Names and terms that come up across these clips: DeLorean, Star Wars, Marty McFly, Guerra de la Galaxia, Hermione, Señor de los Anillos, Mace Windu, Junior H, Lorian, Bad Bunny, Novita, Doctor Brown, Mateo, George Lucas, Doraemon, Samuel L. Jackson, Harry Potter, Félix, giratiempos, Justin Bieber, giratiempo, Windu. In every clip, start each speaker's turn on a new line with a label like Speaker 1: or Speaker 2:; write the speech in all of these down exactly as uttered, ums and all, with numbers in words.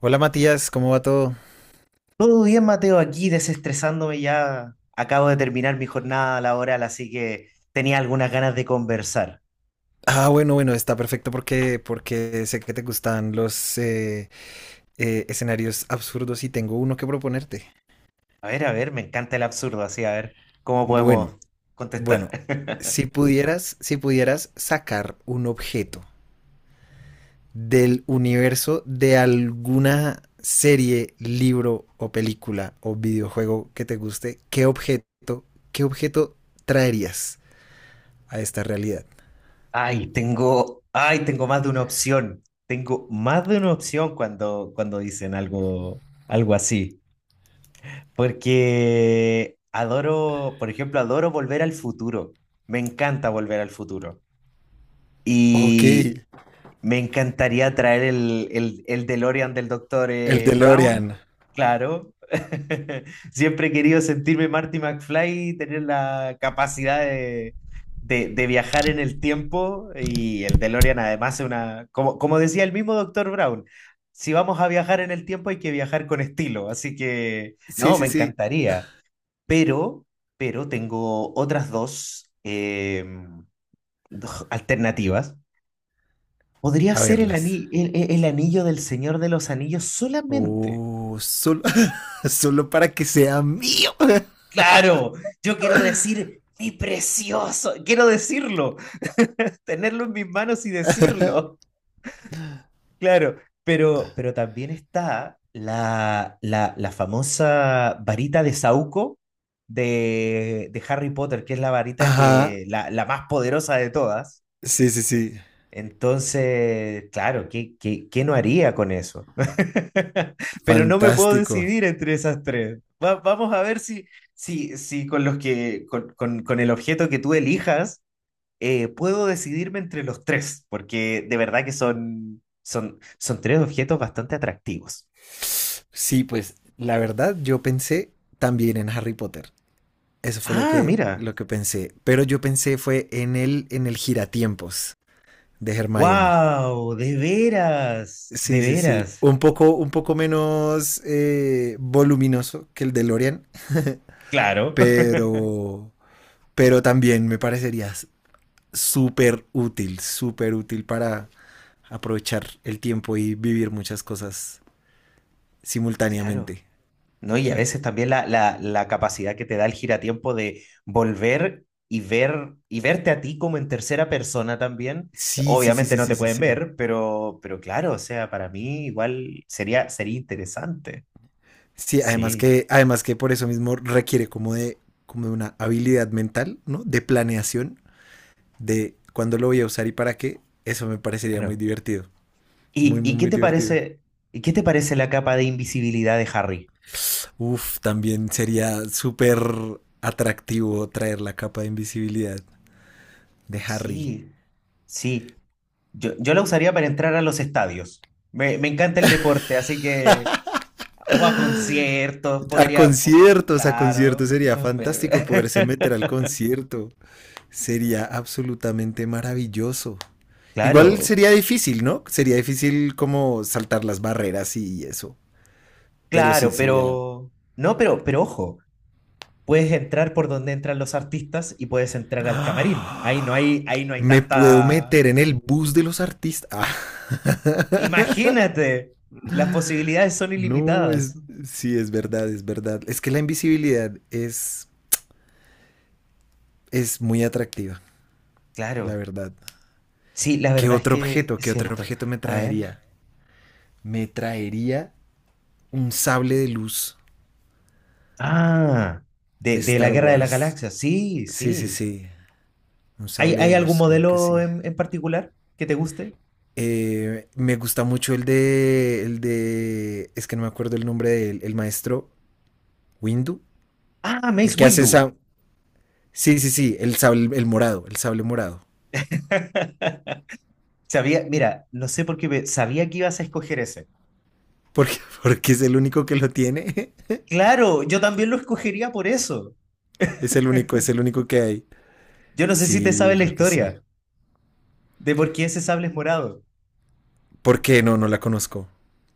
Speaker 1: Hola Matías, ¿cómo va todo?
Speaker 2: Todo bien, Mateo, aquí desestresándome ya. Acabo de terminar mi jornada laboral, así que tenía algunas ganas de conversar.
Speaker 1: Ah, bueno, bueno, está perfecto porque, porque sé que te gustan los eh, eh, escenarios absurdos y tengo uno que proponerte.
Speaker 2: A ver, a ver, me encanta el absurdo, así a ver cómo
Speaker 1: Bueno,
Speaker 2: podemos contestar.
Speaker 1: bueno, si pudieras, si pudieras sacar un objeto del universo de alguna serie, libro o película o videojuego que te guste, ¿qué objeto, qué objeto traerías a esta realidad?
Speaker 2: Ay, tengo, ay, tengo más de una opción. Tengo más de una opción cuando, cuando dicen algo, algo así. Porque adoro, por ejemplo, adoro Volver al Futuro. Me encanta Volver al Futuro.
Speaker 1: Ok,
Speaker 2: Y me encantaría traer el, el, el DeLorean del doctor
Speaker 1: el
Speaker 2: eh, Brown,
Speaker 1: DeLorean.
Speaker 2: claro. Siempre he querido sentirme Marty McFly y tener la capacidad de, de, de viajar en el tiempo. Y el DeLorean además es una, como, como decía el mismo doctor Brown, si vamos a viajar en el tiempo hay que viajar con estilo. Así que,
Speaker 1: Sí,
Speaker 2: no,
Speaker 1: sí,
Speaker 2: me
Speaker 1: sí.
Speaker 2: encantaría. Pero, pero tengo otras dos eh, dos alternativas. Podría
Speaker 1: A
Speaker 2: ser el,
Speaker 1: verlas.
Speaker 2: ani- el, el- el anillo del Señor de los Anillos solamente.
Speaker 1: Oh, solo, solo para que sea mío.
Speaker 2: Claro, yo quiero decir mi precioso, quiero decirlo, tenerlo en mis manos y decirlo. Claro, pero, pero también está la, la, la famosa varita de Saúco de, de Harry Potter, que es la varita
Speaker 1: Ajá,
Speaker 2: que, la, la más poderosa de todas.
Speaker 1: sí, sí, sí,
Speaker 2: Entonces, claro, ¿qué, qué, qué no haría con eso? Pero no me puedo
Speaker 1: fantástico.
Speaker 2: decidir entre esas tres. Va- vamos a ver si, si, si con los que, con, con- con el objeto que tú elijas, eh, puedo decidirme entre los tres, porque de verdad que son, son, son tres objetos bastante atractivos.
Speaker 1: Sí, pues la verdad yo pensé también en Harry Potter. Eso fue lo
Speaker 2: Ah,
Speaker 1: que,
Speaker 2: mira.
Speaker 1: lo que pensé. Pero yo pensé fue en el, en el giratiempos de Hermione.
Speaker 2: ¡Wow! De veras, de
Speaker 1: Sí, sí, sí.
Speaker 2: veras.
Speaker 1: Un poco, un poco menos eh, voluminoso que el de Lorian,
Speaker 2: Claro,
Speaker 1: pero, pero también me parecería súper útil, súper útil para aprovechar el tiempo y vivir muchas cosas
Speaker 2: claro.
Speaker 1: simultáneamente.
Speaker 2: No, y a veces también la, la, la capacidad que te da el giratiempo de volver y ver y verte a ti como en tercera persona también.
Speaker 1: Sí, sí, sí,
Speaker 2: Obviamente
Speaker 1: sí,
Speaker 2: no
Speaker 1: sí,
Speaker 2: te
Speaker 1: sí,
Speaker 2: pueden
Speaker 1: sí.
Speaker 2: ver, pero, pero claro, o sea, para mí igual sería, sería interesante.
Speaker 1: Sí, además
Speaker 2: Sí,
Speaker 1: que, además que por eso mismo requiere como de, como de una habilidad mental, ¿no? De planeación, de cuándo lo voy a usar y para qué. Eso me parecería muy
Speaker 2: claro.
Speaker 1: divertido. Muy,
Speaker 2: ¿Y,
Speaker 1: muy,
Speaker 2: y qué
Speaker 1: muy
Speaker 2: te
Speaker 1: divertido.
Speaker 2: parece, y qué te parece la capa de invisibilidad de Harry?
Speaker 1: Uf, también sería súper atractivo traer la capa de invisibilidad de Harry.
Speaker 2: Sí, sí. Yo, yo la usaría para entrar a los estadios. Me, me encanta el deporte, así que o a conciertos,
Speaker 1: A
Speaker 2: podría, po-
Speaker 1: conciertos, a conciertos
Speaker 2: claro,
Speaker 1: sería
Speaker 2: me-
Speaker 1: fantástico poderse meter al concierto. Sería absolutamente maravilloso. Igual
Speaker 2: claro,
Speaker 1: sería difícil, ¿no? Sería difícil como saltar las barreras y eso. Pero sí,
Speaker 2: claro,
Speaker 1: sería...
Speaker 2: pero, no, pero, pero ojo, puedes entrar por donde entran los artistas y puedes entrar al camarín. Ahí no
Speaker 1: ¡Ah!
Speaker 2: hay, ahí no hay
Speaker 1: Me puedo
Speaker 2: tanta,
Speaker 1: meter en el bus de los artistas. Ah.
Speaker 2: imagínate, las posibilidades son
Speaker 1: No, es...
Speaker 2: ilimitadas.
Speaker 1: Sí, es verdad, es verdad. Es que la invisibilidad es, es muy atractiva, la
Speaker 2: Claro,
Speaker 1: verdad.
Speaker 2: sí, la
Speaker 1: ¿Qué
Speaker 2: verdad es
Speaker 1: otro
Speaker 2: que
Speaker 1: objeto,
Speaker 2: es
Speaker 1: qué otro
Speaker 2: cierto.
Speaker 1: objeto me
Speaker 2: A ver,
Speaker 1: traería? Me traería un sable de luz
Speaker 2: ah,
Speaker 1: de
Speaker 2: de, de la
Speaker 1: Star
Speaker 2: Guerra de la
Speaker 1: Wars.
Speaker 2: Galaxia, sí,
Speaker 1: Sí, sí,
Speaker 2: sí.
Speaker 1: sí. Un
Speaker 2: ¿Hay,
Speaker 1: sable de
Speaker 2: hay algún
Speaker 1: luz, claro que
Speaker 2: modelo
Speaker 1: sí.
Speaker 2: en, en particular que te guste?
Speaker 1: Eh, me gusta mucho el de, el de, es que no me acuerdo el nombre del el maestro Windu,
Speaker 2: Ah,
Speaker 1: el
Speaker 2: Mace
Speaker 1: que hace
Speaker 2: Windu.
Speaker 1: esa, sí, sí, sí, el sable, el morado, el sable morado,
Speaker 2: Sabía, mira, no sé por qué, pe- sabía que ibas a escoger ese.
Speaker 1: porque, porque es el único que lo tiene,
Speaker 2: Claro, yo también lo escogería por eso.
Speaker 1: es el único, es el único que hay.
Speaker 2: Yo no sé si te
Speaker 1: Sí,
Speaker 2: sabes la
Speaker 1: claro que sí.
Speaker 2: historia de por qué ese sable es morado.
Speaker 1: ¿Porque no? No la conozco.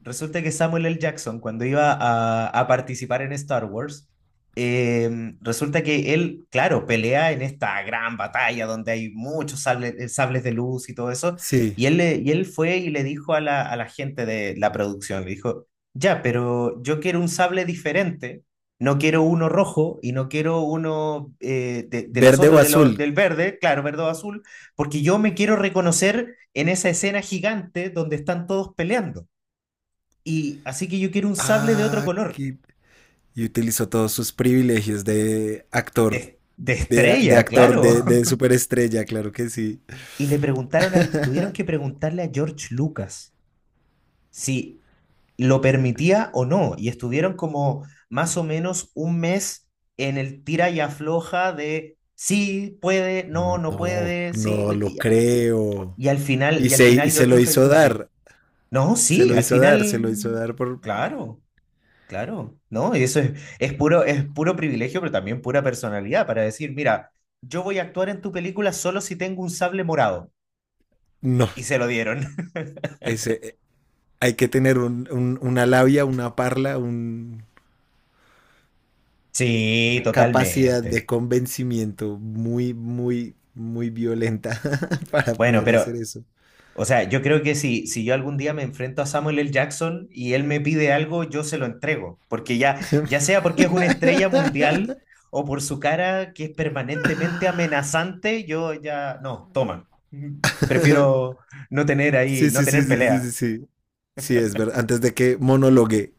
Speaker 2: Resulta que Samuel L. Jackson, cuando iba a, a participar en Star Wars, eh, resulta que él, claro, pelea en esta gran batalla donde hay muchos sable- eh, sables de luz y todo eso,
Speaker 1: Sí.
Speaker 2: y él, le- y él fue y le dijo a la, a la gente de la producción, le dijo, ya, pero yo quiero un sable diferente, no quiero uno rojo y no quiero uno eh, de, de los
Speaker 1: Verde o
Speaker 2: otros, de lo-
Speaker 1: azul.
Speaker 2: del verde, claro, verde o azul, porque yo me quiero reconocer en esa escena gigante donde están todos peleando. Y así que yo quiero un sable de otro
Speaker 1: Ah,
Speaker 2: color.
Speaker 1: qué. Y utilizó todos sus privilegios de actor,
Speaker 2: De, de
Speaker 1: de, de
Speaker 2: estrella,
Speaker 1: actor,
Speaker 2: claro.
Speaker 1: de, de superestrella, claro que sí.
Speaker 2: Y le preguntaron a, tuvieron que preguntarle a George Lucas si lo permitía o no. Y estuvieron como más o menos un mes en el tira y afloja de sí, puede, no, no
Speaker 1: No,
Speaker 2: puede, sí.
Speaker 1: no
Speaker 2: Pues,
Speaker 1: lo
Speaker 2: y,
Speaker 1: creo.
Speaker 2: y al final,
Speaker 1: Y
Speaker 2: y al
Speaker 1: se, y
Speaker 2: final
Speaker 1: se
Speaker 2: George
Speaker 1: lo
Speaker 2: Lucas
Speaker 1: hizo
Speaker 2: dijo que sí.
Speaker 1: dar,
Speaker 2: No,
Speaker 1: se
Speaker 2: sí,
Speaker 1: lo
Speaker 2: al
Speaker 1: hizo dar, se
Speaker 2: final,
Speaker 1: lo hizo dar por...
Speaker 2: claro. Claro, ¿no? Y eso es, es puro, es puro privilegio, pero también pura personalidad para decir, mira, yo voy a actuar en tu película solo si tengo un sable morado.
Speaker 1: No,
Speaker 2: Y se lo dieron.
Speaker 1: ese, eh, hay que tener un- un- una labia, una parla, un-
Speaker 2: Sí,
Speaker 1: una capacidad de
Speaker 2: totalmente.
Speaker 1: convencimiento muy, muy, muy violenta para
Speaker 2: Bueno,
Speaker 1: poder
Speaker 2: pero,
Speaker 1: hacer eso.
Speaker 2: o sea, yo creo que si, si yo algún día me enfrento a Samuel L. Jackson y él me pide algo, yo se lo entrego. Porque ya, ya sea porque es una estrella mundial o por su cara que es permanentemente amenazante, yo ya, no, toma. Prefiero no tener ahí,
Speaker 1: Sí,
Speaker 2: no
Speaker 1: sí, sí,
Speaker 2: tener
Speaker 1: sí, sí, sí,
Speaker 2: pelea.
Speaker 1: sí. Sí, es verdad. Antes de que monologue.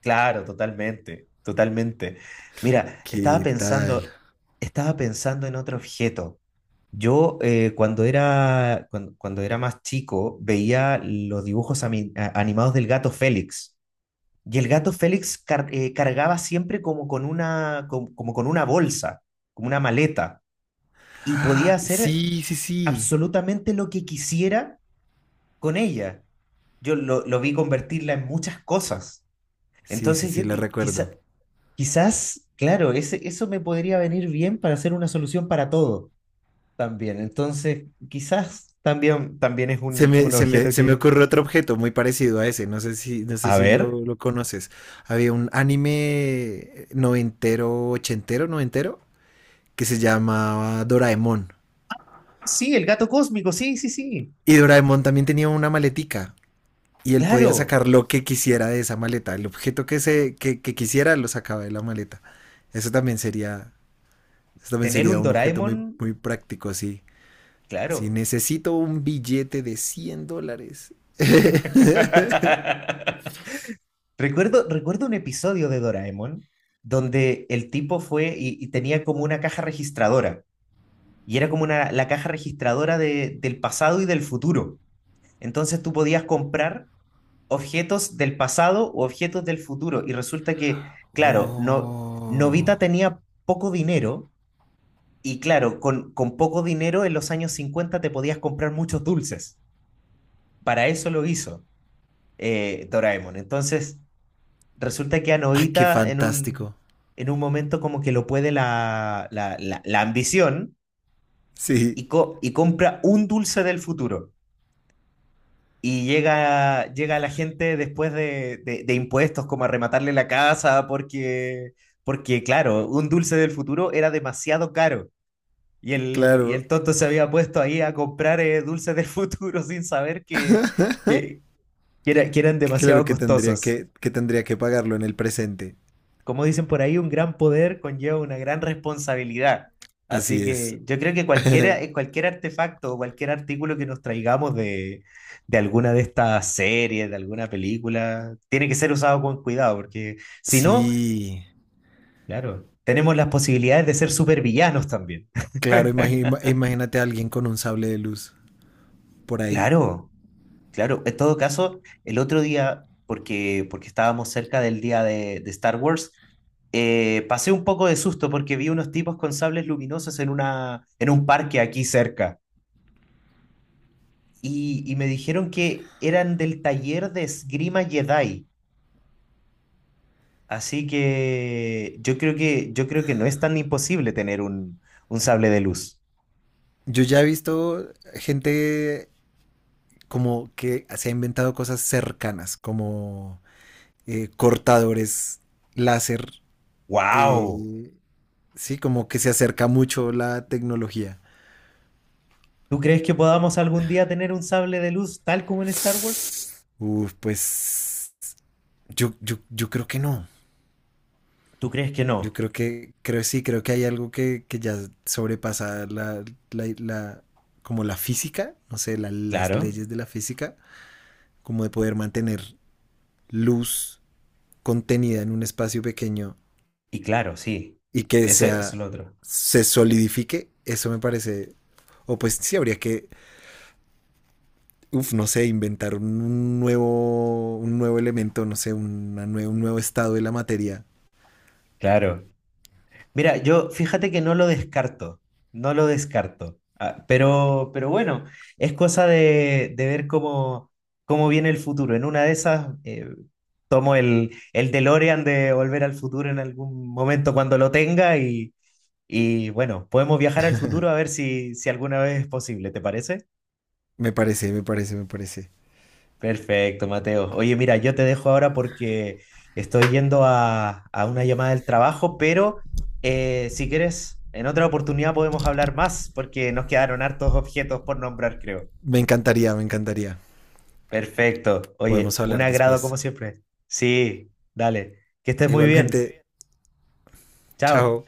Speaker 2: Claro, totalmente, totalmente. Mira, estaba
Speaker 1: ¿Qué tal?
Speaker 2: pensando, estaba pensando en otro objeto. Yo eh, cuando era, cuando, cuando era más chico veía los dibujos ami- a- animados del gato Félix. Y el gato Félix car- eh, cargaba siempre como con una, com- como con una bolsa, como una maleta. Y podía
Speaker 1: ¡Ah!
Speaker 2: hacer
Speaker 1: Sí, sí, sí.
Speaker 2: absolutamente lo que quisiera con ella. Yo lo, lo vi convertirla en muchas cosas.
Speaker 1: Sí, sí,
Speaker 2: Entonces yo
Speaker 1: sí, la
Speaker 2: qui-
Speaker 1: recuerdo.
Speaker 2: quizá. Quizás, claro, ese, eso me podría venir bien para hacer una solución para todo también. Entonces, quizás también, también es
Speaker 1: Se
Speaker 2: un,
Speaker 1: me,
Speaker 2: un
Speaker 1: se me,
Speaker 2: objeto
Speaker 1: se me
Speaker 2: que...
Speaker 1: ocurre otro objeto muy parecido a ese. No sé si, no sé
Speaker 2: A
Speaker 1: si
Speaker 2: ver.
Speaker 1: lo, lo conoces. Había un anime noventero, ochentero, noventero, que se llamaba Doraemon.
Speaker 2: Sí, el gato cósmico, sí, sí, sí.
Speaker 1: Y Doraemon también tenía una maletica. Y él podía
Speaker 2: Claro,
Speaker 1: sacar lo que quisiera de esa maleta. El objeto que se, que, que quisiera lo sacaba de la maleta. Eso también sería, eso también
Speaker 2: tener
Speaker 1: sería
Speaker 2: un
Speaker 1: un objeto
Speaker 2: Doraemon,
Speaker 1: muy, muy práctico, sí. Si
Speaker 2: claro.
Speaker 1: necesito un billete de cien dólares.
Speaker 2: Recuerdo, recuerdo un episodio de Doraemon donde el tipo fue y, y tenía como una caja registradora. Y era como una, la caja registradora de- del pasado y del futuro. Entonces tú podías comprar objetos del pasado u objetos del futuro. Y resulta que, claro, no,
Speaker 1: Oh,
Speaker 2: Novita tenía poco dinero y claro, con, con poco dinero en los años cincuenta te podías comprar muchos dulces. Para eso lo hizo eh, Doraemon. Entonces, resulta que a
Speaker 1: ah, qué
Speaker 2: Novita en un,
Speaker 1: fantástico.
Speaker 2: en un momento como que lo puede la, la, la, la ambición
Speaker 1: Sí,
Speaker 2: y, co- y compra un dulce del futuro. Y llega, llega la gente después de, de- de impuestos como a rematarle la casa porque, porque, claro, un dulce del futuro era demasiado caro. Y el, y
Speaker 1: claro,
Speaker 2: el tonto se había puesto ahí a comprar eh, dulces del futuro sin saber que, que, que era- que eran
Speaker 1: claro
Speaker 2: demasiado
Speaker 1: que tendría
Speaker 2: costosos.
Speaker 1: que, que tendría que pagarlo en el presente.
Speaker 2: Como dicen por ahí, un gran poder conlleva una gran responsabilidad. Así
Speaker 1: Así es.
Speaker 2: que yo creo que cualquier, cualquier artefacto o cualquier artículo que nos traigamos de, de alguna de estas series, de alguna película, tiene que ser usado con cuidado, porque si no,
Speaker 1: Sí,
Speaker 2: claro, tenemos las posibilidades de ser supervillanos también.
Speaker 1: claro, imagi- ima- imagínate a alguien con un sable de luz por ahí.
Speaker 2: Claro. Claro, en todo caso, el otro día, porque, porque estábamos cerca del día de, de Star Wars, eh, pasé un poco de susto porque vi unos tipos con sables luminosos en una, en un parque aquí cerca y, y me dijeron que eran del taller de esgrima Jedi. Así que yo creo que, yo creo que no es tan imposible tener un, un sable de luz.
Speaker 1: Yo ya he visto gente como que se ha inventado cosas cercanas, como eh, cortadores láser,
Speaker 2: ¡Wow!
Speaker 1: eh, sí, como que se acerca mucho la tecnología.
Speaker 2: ¿Tú crees que podamos algún día tener un sable de luz tal como en Star Wars?
Speaker 1: Uf, pues yo, yo, yo creo que no.
Speaker 2: ¿Tú crees que
Speaker 1: Yo
Speaker 2: no?
Speaker 1: creo que, creo sí, creo que hay algo que, que ya sobrepasa la, la, la- como la física, no sé, la- las
Speaker 2: Claro.
Speaker 1: leyes de la física, como de poder mantener luz contenida en un espacio pequeño
Speaker 2: Y claro, sí,
Speaker 1: y que
Speaker 2: eso eso es
Speaker 1: sea,
Speaker 2: lo otro.
Speaker 1: se solidifique, eso me parece, o pues sí, habría que uf, no sé, inventar un nuevo, un nuevo elemento, no sé, una nue- un nuevo estado de la materia.
Speaker 2: Claro. Mira, yo fíjate que no lo descarto, no lo descarto. Ah, pero, pero bueno, es cosa de, de ver cómo, cómo viene el futuro. En una de esas, eh, tomo el, el DeLorean de Volver al Futuro en algún momento cuando lo tenga y, y bueno, podemos viajar al futuro a ver si, si alguna vez es posible, ¿te parece?
Speaker 1: Me parece, me parece, me parece.
Speaker 2: Perfecto, Mateo. Oye, mira, yo te dejo ahora porque estoy yendo a, a una llamada del trabajo, pero eh, si quieres, en otra oportunidad podemos hablar más porque nos quedaron hartos objetos por nombrar, creo.
Speaker 1: Me encantaría, me encantaría.
Speaker 2: Perfecto.
Speaker 1: Podemos
Speaker 2: Oye, un
Speaker 1: hablar
Speaker 2: agrado como
Speaker 1: después.
Speaker 2: siempre. Sí, dale. Que estés muy bien.
Speaker 1: Igualmente,
Speaker 2: Chao.
Speaker 1: chao.